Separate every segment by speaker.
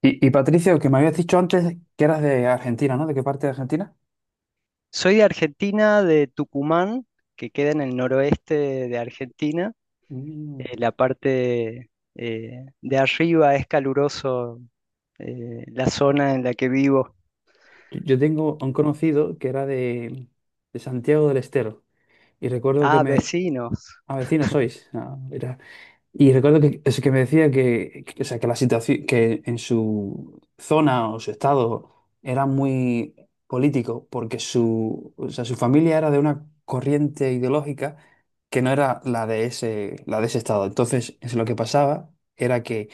Speaker 1: Y Patricio, que me habías dicho antes que eras de Argentina, ¿no? ¿De qué parte de Argentina?
Speaker 2: Soy de Argentina, de Tucumán, que queda en el noroeste de Argentina.
Speaker 1: Mm.
Speaker 2: La parte de arriba es caluroso, la zona en la que vivo.
Speaker 1: Yo tengo un conocido que era de Santiago del Estero y recuerdo que
Speaker 2: Ah,
Speaker 1: me...
Speaker 2: vecinos.
Speaker 1: Ah, vecino sois. Ah, mira. Y recuerdo que, es que me decía o sea, que la situación, que en su zona o su estado era muy político porque su, o sea, su familia era de una corriente ideológica que no era la de ese estado. Entonces, es lo que pasaba era que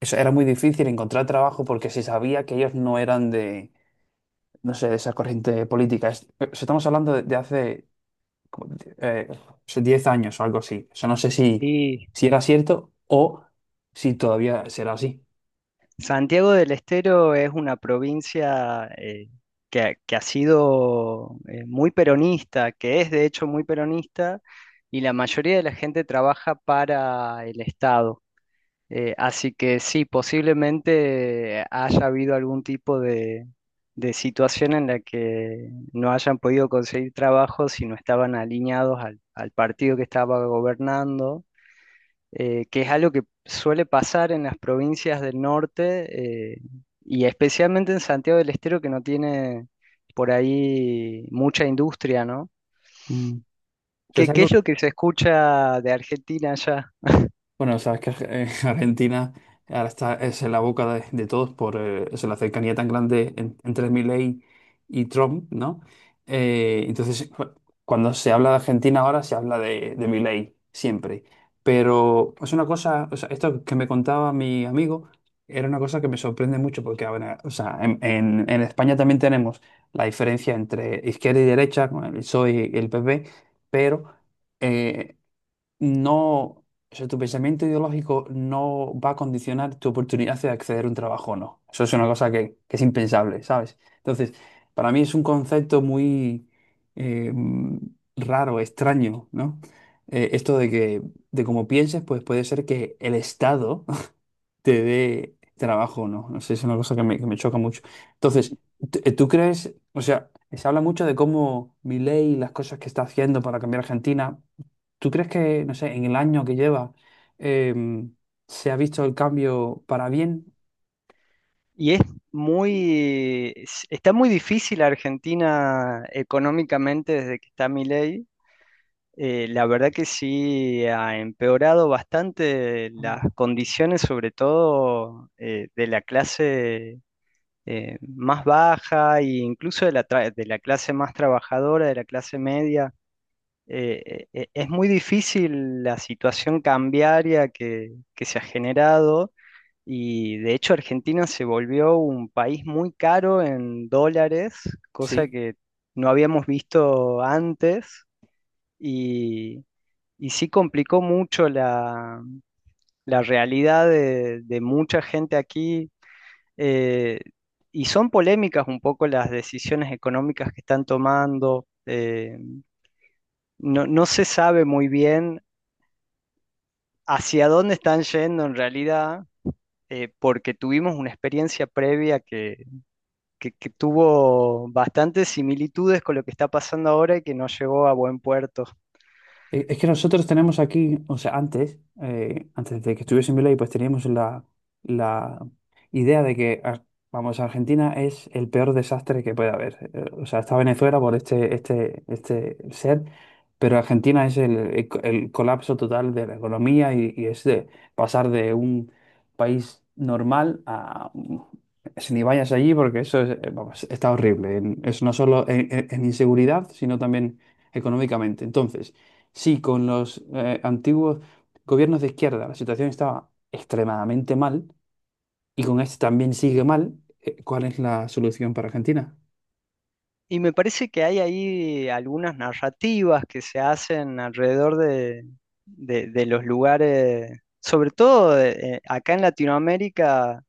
Speaker 1: eso era muy difícil encontrar trabajo porque se sabía que ellos no eran no sé, de esa corriente política. Estamos hablando de hace como, eh, hace 10 años o algo así. O sea, no sé si,
Speaker 2: Sí,
Speaker 1: si era cierto o si todavía será así.
Speaker 2: Santiago del Estero es una provincia que ha sido muy peronista, que es de hecho muy peronista, y la mayoría de la gente trabaja para el Estado. Así que sí, posiblemente haya habido algún tipo de situación en la que no hayan podido conseguir trabajo si no estaban alineados al partido que estaba gobernando, que es algo que suele pasar en las provincias del norte, y especialmente en Santiago del Estero, que no tiene por ahí mucha industria, ¿no?
Speaker 1: Mm. O sea, es
Speaker 2: ¿Qué, qué
Speaker 1: algo.
Speaker 2: es lo que se escucha de Argentina allá?
Speaker 1: Bueno, sabes que Argentina ahora está es en la boca de todos por eso, la cercanía tan grande entre Milei y Trump, ¿no? Entonces, cuando se habla de Argentina ahora, se habla de Milei, siempre. Pero es una cosa, o sea, esto que me contaba mi amigo, era una cosa que me sorprende mucho porque, a ver, o sea, en España también tenemos la diferencia entre izquierda y derecha, con el PSOE y el PP, pero... eh, no, o sea, tu pensamiento ideológico no va a condicionar tu oportunidad de acceder a un trabajo o no. Eso es una cosa que es impensable, ¿sabes? Entonces, para mí es un concepto muy eh, raro, extraño, ¿no? Esto de que, de cómo pienses, pues puede ser que el Estado te dé trabajo o no. No sé, es una cosa que me choca mucho. Entonces, ¿tú crees, o sea, se habla mucho de cómo Milei y las cosas que está haciendo para cambiar Argentina. ¿Tú crees que, no sé, en el año que lleva em, se ha visto el cambio para bien?
Speaker 2: Y es muy, está muy difícil Argentina económicamente desde que está Milei. La verdad que sí ha empeorado bastante las
Speaker 1: Anda.
Speaker 2: condiciones, sobre todo de la clase más baja e incluso de la, de la clase más trabajadora, de la clase media. Es muy difícil la situación cambiaria que se ha generado. Y de hecho Argentina se volvió un país muy caro en dólares, cosa
Speaker 1: Sí.
Speaker 2: que no habíamos visto antes y, y sí complicó mucho la, la realidad de mucha gente aquí. eh, y son polémicas un poco las decisiones económicas que están tomando. No se sabe muy bien hacia dónde están yendo en realidad, porque tuvimos una experiencia previa que tuvo bastantes similitudes con lo que está pasando ahora y que no llegó a buen puerto.
Speaker 1: Es que nosotros tenemos aquí, o sea, antes, antes de que estuviese en Milei, pues teníamos la idea de que, vamos, Argentina es el peor desastre que puede haber. O sea, está Venezuela por este, este, este ser, pero Argentina es el, el colapso total de la economía y es de pasar de un país normal a... Si ni vayas allí, porque eso es, vamos, está horrible. Es no solo en inseguridad, sino también económicamente. Entonces, sí, con los antiguos gobiernos de izquierda la situación estaba extremadamente mal y con este también sigue mal. ¿Cuál es la solución para Argentina?
Speaker 2: Y me parece que hay ahí algunas narrativas que se hacen alrededor de, de los lugares, sobre todo acá en Latinoamérica,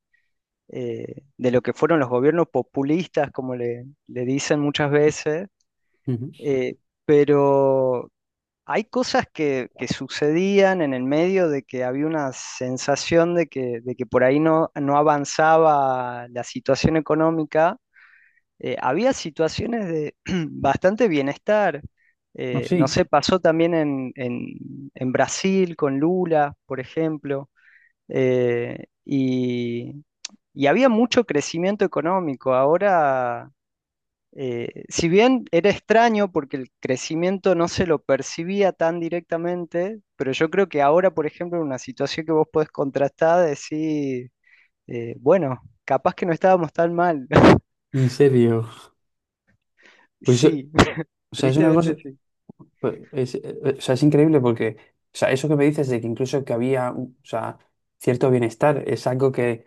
Speaker 2: de lo que fueron los gobiernos populistas, como le dicen muchas veces,
Speaker 1: Ujú.
Speaker 2: eh, pero hay cosas que sucedían en el medio de que había una sensación de que por ahí no, no avanzaba la situación económica. Había situaciones de bastante bienestar.
Speaker 1: No,
Speaker 2: Eh,
Speaker 1: sí,
Speaker 2: no sé, pasó también en, en Brasil con Lula, por ejemplo. Eh, y, y había mucho crecimiento económico. Ahora si bien era extraño porque el crecimiento no se lo percibía tan directamente, pero yo creo que ahora, por ejemplo, en una situación que vos podés contrastar, decir, bueno, capaz que no estábamos tan mal.
Speaker 1: en serio. Pues,
Speaker 2: Sí,
Speaker 1: o sea, es una
Speaker 2: tristemente
Speaker 1: cosa,
Speaker 2: sí.
Speaker 1: pues, es, o sea, es increíble porque, o sea, eso que me dices de que incluso que había, o sea, cierto bienestar es algo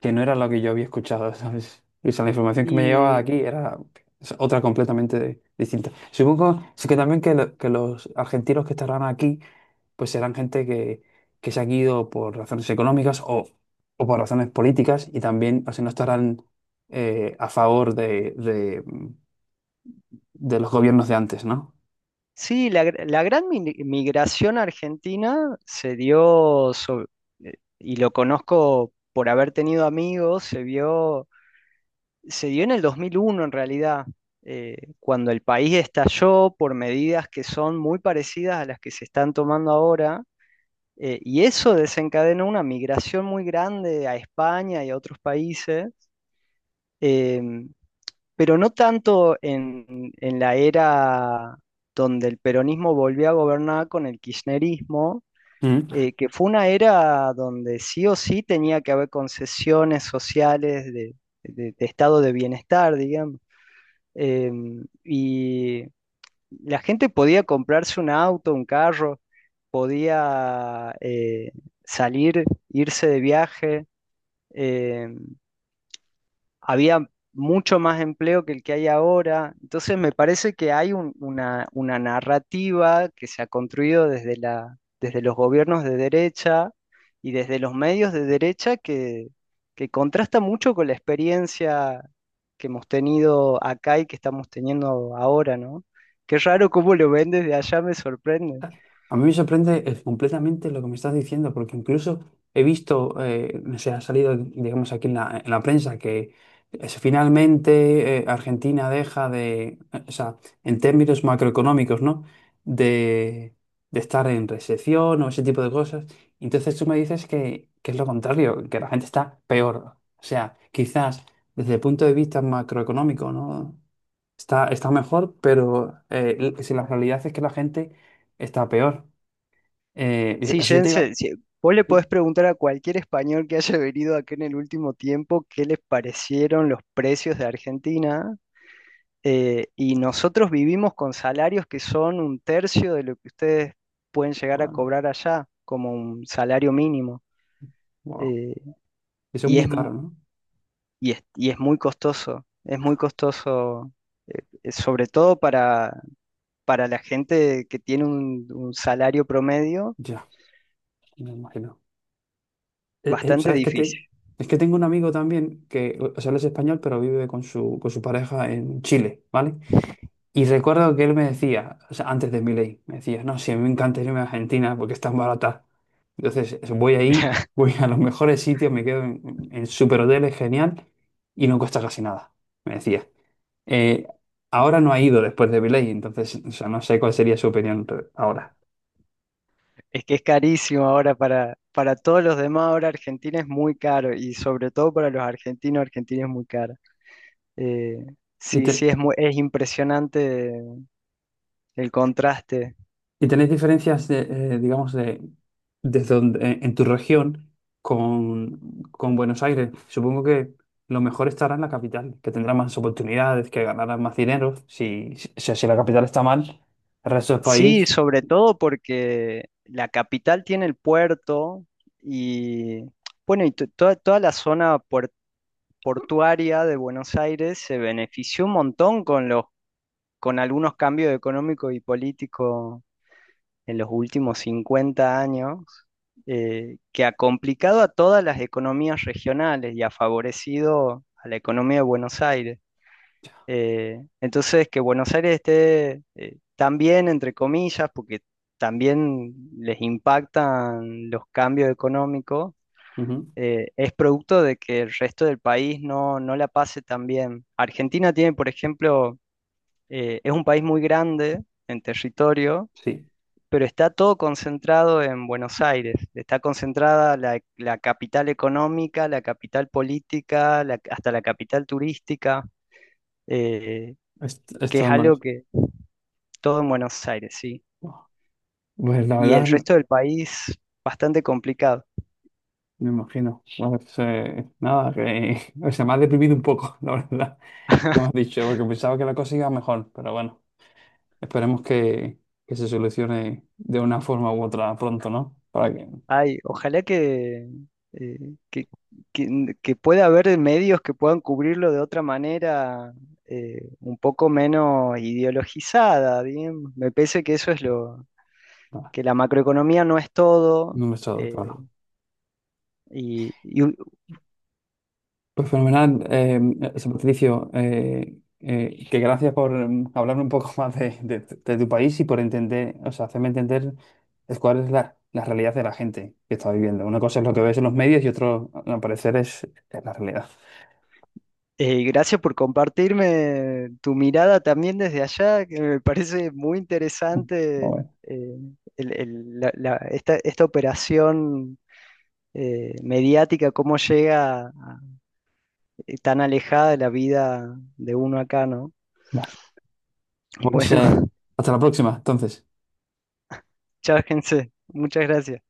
Speaker 1: que no era lo que yo había escuchado, ¿sabes? O sea, la información que me llegaba de
Speaker 2: Y
Speaker 1: aquí era o sea, otra completamente distinta. Supongo sí que también que, que los argentinos que estarán aquí pues serán gente que se han ido por razones económicas o por razones políticas y también, así no estarán a favor de, de los gobiernos de antes, ¿no?
Speaker 2: sí, la, la gran migración argentina se dio, y lo conozco por haber tenido amigos, se dio en el 2001 en realidad, cuando el país estalló por medidas que son muy parecidas a las que se están tomando ahora, y eso desencadenó una migración muy grande a España y a otros países, eh, pero no tanto en la era donde el peronismo volvió a gobernar con el kirchnerismo, que fue una era donde sí o sí tenía que haber concesiones sociales de, de estado de bienestar, digamos y la gente podía comprarse un auto, un carro, podía salir, irse de viaje. em, Había mucho más empleo que el que hay ahora. Entonces me parece que hay una narrativa que se ha construido desde la, desde los gobiernos de derecha y desde los medios de derecha que contrasta mucho con la experiencia que hemos tenido acá y que estamos teniendo ahora, ¿no? Qué raro cómo lo ven desde allá, me sorprende.
Speaker 1: A mí me sorprende completamente lo que me estás diciendo, porque incluso he visto, no sé, ha salido, digamos, aquí en la prensa que finalmente Argentina deja de, o sea, en términos macroeconómicos, ¿no? De, de estar en recesión o ese tipo de cosas. Entonces tú me dices que es lo contrario, que la gente está peor. O sea, quizás desde el punto de vista macroeconómico, ¿no? Está, está mejor, pero si la realidad es que la gente está peor.
Speaker 2: Sí,
Speaker 1: Eso yo te iba.
Speaker 2: Jensen, sí, vos le
Speaker 1: Uy,
Speaker 2: podés preguntar a cualquier español que haya venido acá en el último tiempo qué les parecieron los precios de Argentina. Y nosotros vivimos con salarios que son un tercio de lo que ustedes pueden llegar a
Speaker 1: vale,
Speaker 2: cobrar allá, como un salario mínimo.
Speaker 1: wow.
Speaker 2: eh,
Speaker 1: Eso es
Speaker 2: y
Speaker 1: muy
Speaker 2: es, mu-
Speaker 1: caro, ¿no?
Speaker 2: y es, y es muy costoso, sobre todo para la gente que tiene un salario promedio,
Speaker 1: Ya, me imagino.
Speaker 2: bastante
Speaker 1: ¿Sabes
Speaker 2: difícil.
Speaker 1: es que tengo un amigo también que, o sea, él es español, pero vive con su pareja en Chile, ¿vale? Y recuerdo que él me decía, o sea, antes de mi ley, me decía, no, sí, a mí me encanta irme a Argentina porque es tan barata. Entonces, eso, voy ahí, voy a los mejores sitios, me quedo en super hoteles, genial, y no cuesta casi nada, me decía. Eh, Ahora no ha ido después de Viley, entonces o sea, no sé cuál sería su opinión ahora.
Speaker 2: Es que es carísimo ahora para todos los demás, ahora Argentina es muy caro y sobre todo para los argentinos, Argentina es muy cara. Eh,
Speaker 1: ¿Y,
Speaker 2: sí, es muy, es impresionante el contraste.
Speaker 1: y tenéis diferencias de, digamos, de, en tu región con Buenos Aires? Supongo que lo mejor estará en la capital, que tendrá más oportunidades, que ganará más dinero. Si, si, o sea, si la capital está mal, el resto del
Speaker 2: Sí,
Speaker 1: país,
Speaker 2: sobre todo porque la capital tiene el puerto y bueno, y toda, toda la zona portuaria de Buenos Aires se benefició un montón con los, con algunos cambios económicos y políticos en los últimos 50 años que ha complicado a todas las economías regionales y ha favorecido a la economía de Buenos Aires. Que Buenos Aires esté tan bien, entre comillas, porque también les impactan los cambios económicos,
Speaker 1: ujú,
Speaker 2: es producto de que el resto del país no, no la pase tan bien. Argentina tiene, por ejemplo, es un país muy grande en territorio
Speaker 1: sí,
Speaker 2: pero está todo concentrado en Buenos Aires. Está concentrada la, la capital económica, la capital política, hasta la capital turística, eh, que
Speaker 1: está
Speaker 2: es
Speaker 1: en Buenos
Speaker 2: algo
Speaker 1: Aires.
Speaker 2: que todo en Buenos Aires, sí.
Speaker 1: Pues la
Speaker 2: Y
Speaker 1: verdad,
Speaker 2: el
Speaker 1: me
Speaker 2: resto del país, bastante complicado.
Speaker 1: imagino. A ver, nada, que, o sea, me ha deprimido un poco, la verdad. Como has dicho, porque pensaba que la cosa iba mejor, pero bueno, esperemos que se solucione de una forma u otra pronto, ¿no? Para que
Speaker 2: Ay, ojalá que, que pueda haber medios que puedan cubrirlo de otra manera, un poco menos ideologizada, bien. Me parece que eso es lo,
Speaker 1: nada,
Speaker 2: que la macroeconomía no es todo.
Speaker 1: no me estoy
Speaker 2: eh,
Speaker 1: claro.
Speaker 2: y y,
Speaker 1: Pues fenomenal, José Patricio, que gracias por hablarme un poco más de, de tu país y por entender, o sea, hacerme entender es cuál es la, la realidad de la gente que está viviendo. Una cosa es lo que ves en los medios y otro, al parecer, es la realidad.
Speaker 2: Gracias por compartirme tu mirada también desde allá, que me parece muy interesante
Speaker 1: Bueno,
Speaker 2: eh, esta operación mediática, cómo llega tan alejada de la vida de uno acá, ¿no?
Speaker 1: vale. Pues
Speaker 2: Bueno,
Speaker 1: hasta la próxima, entonces.
Speaker 2: chao, gente. Muchas gracias.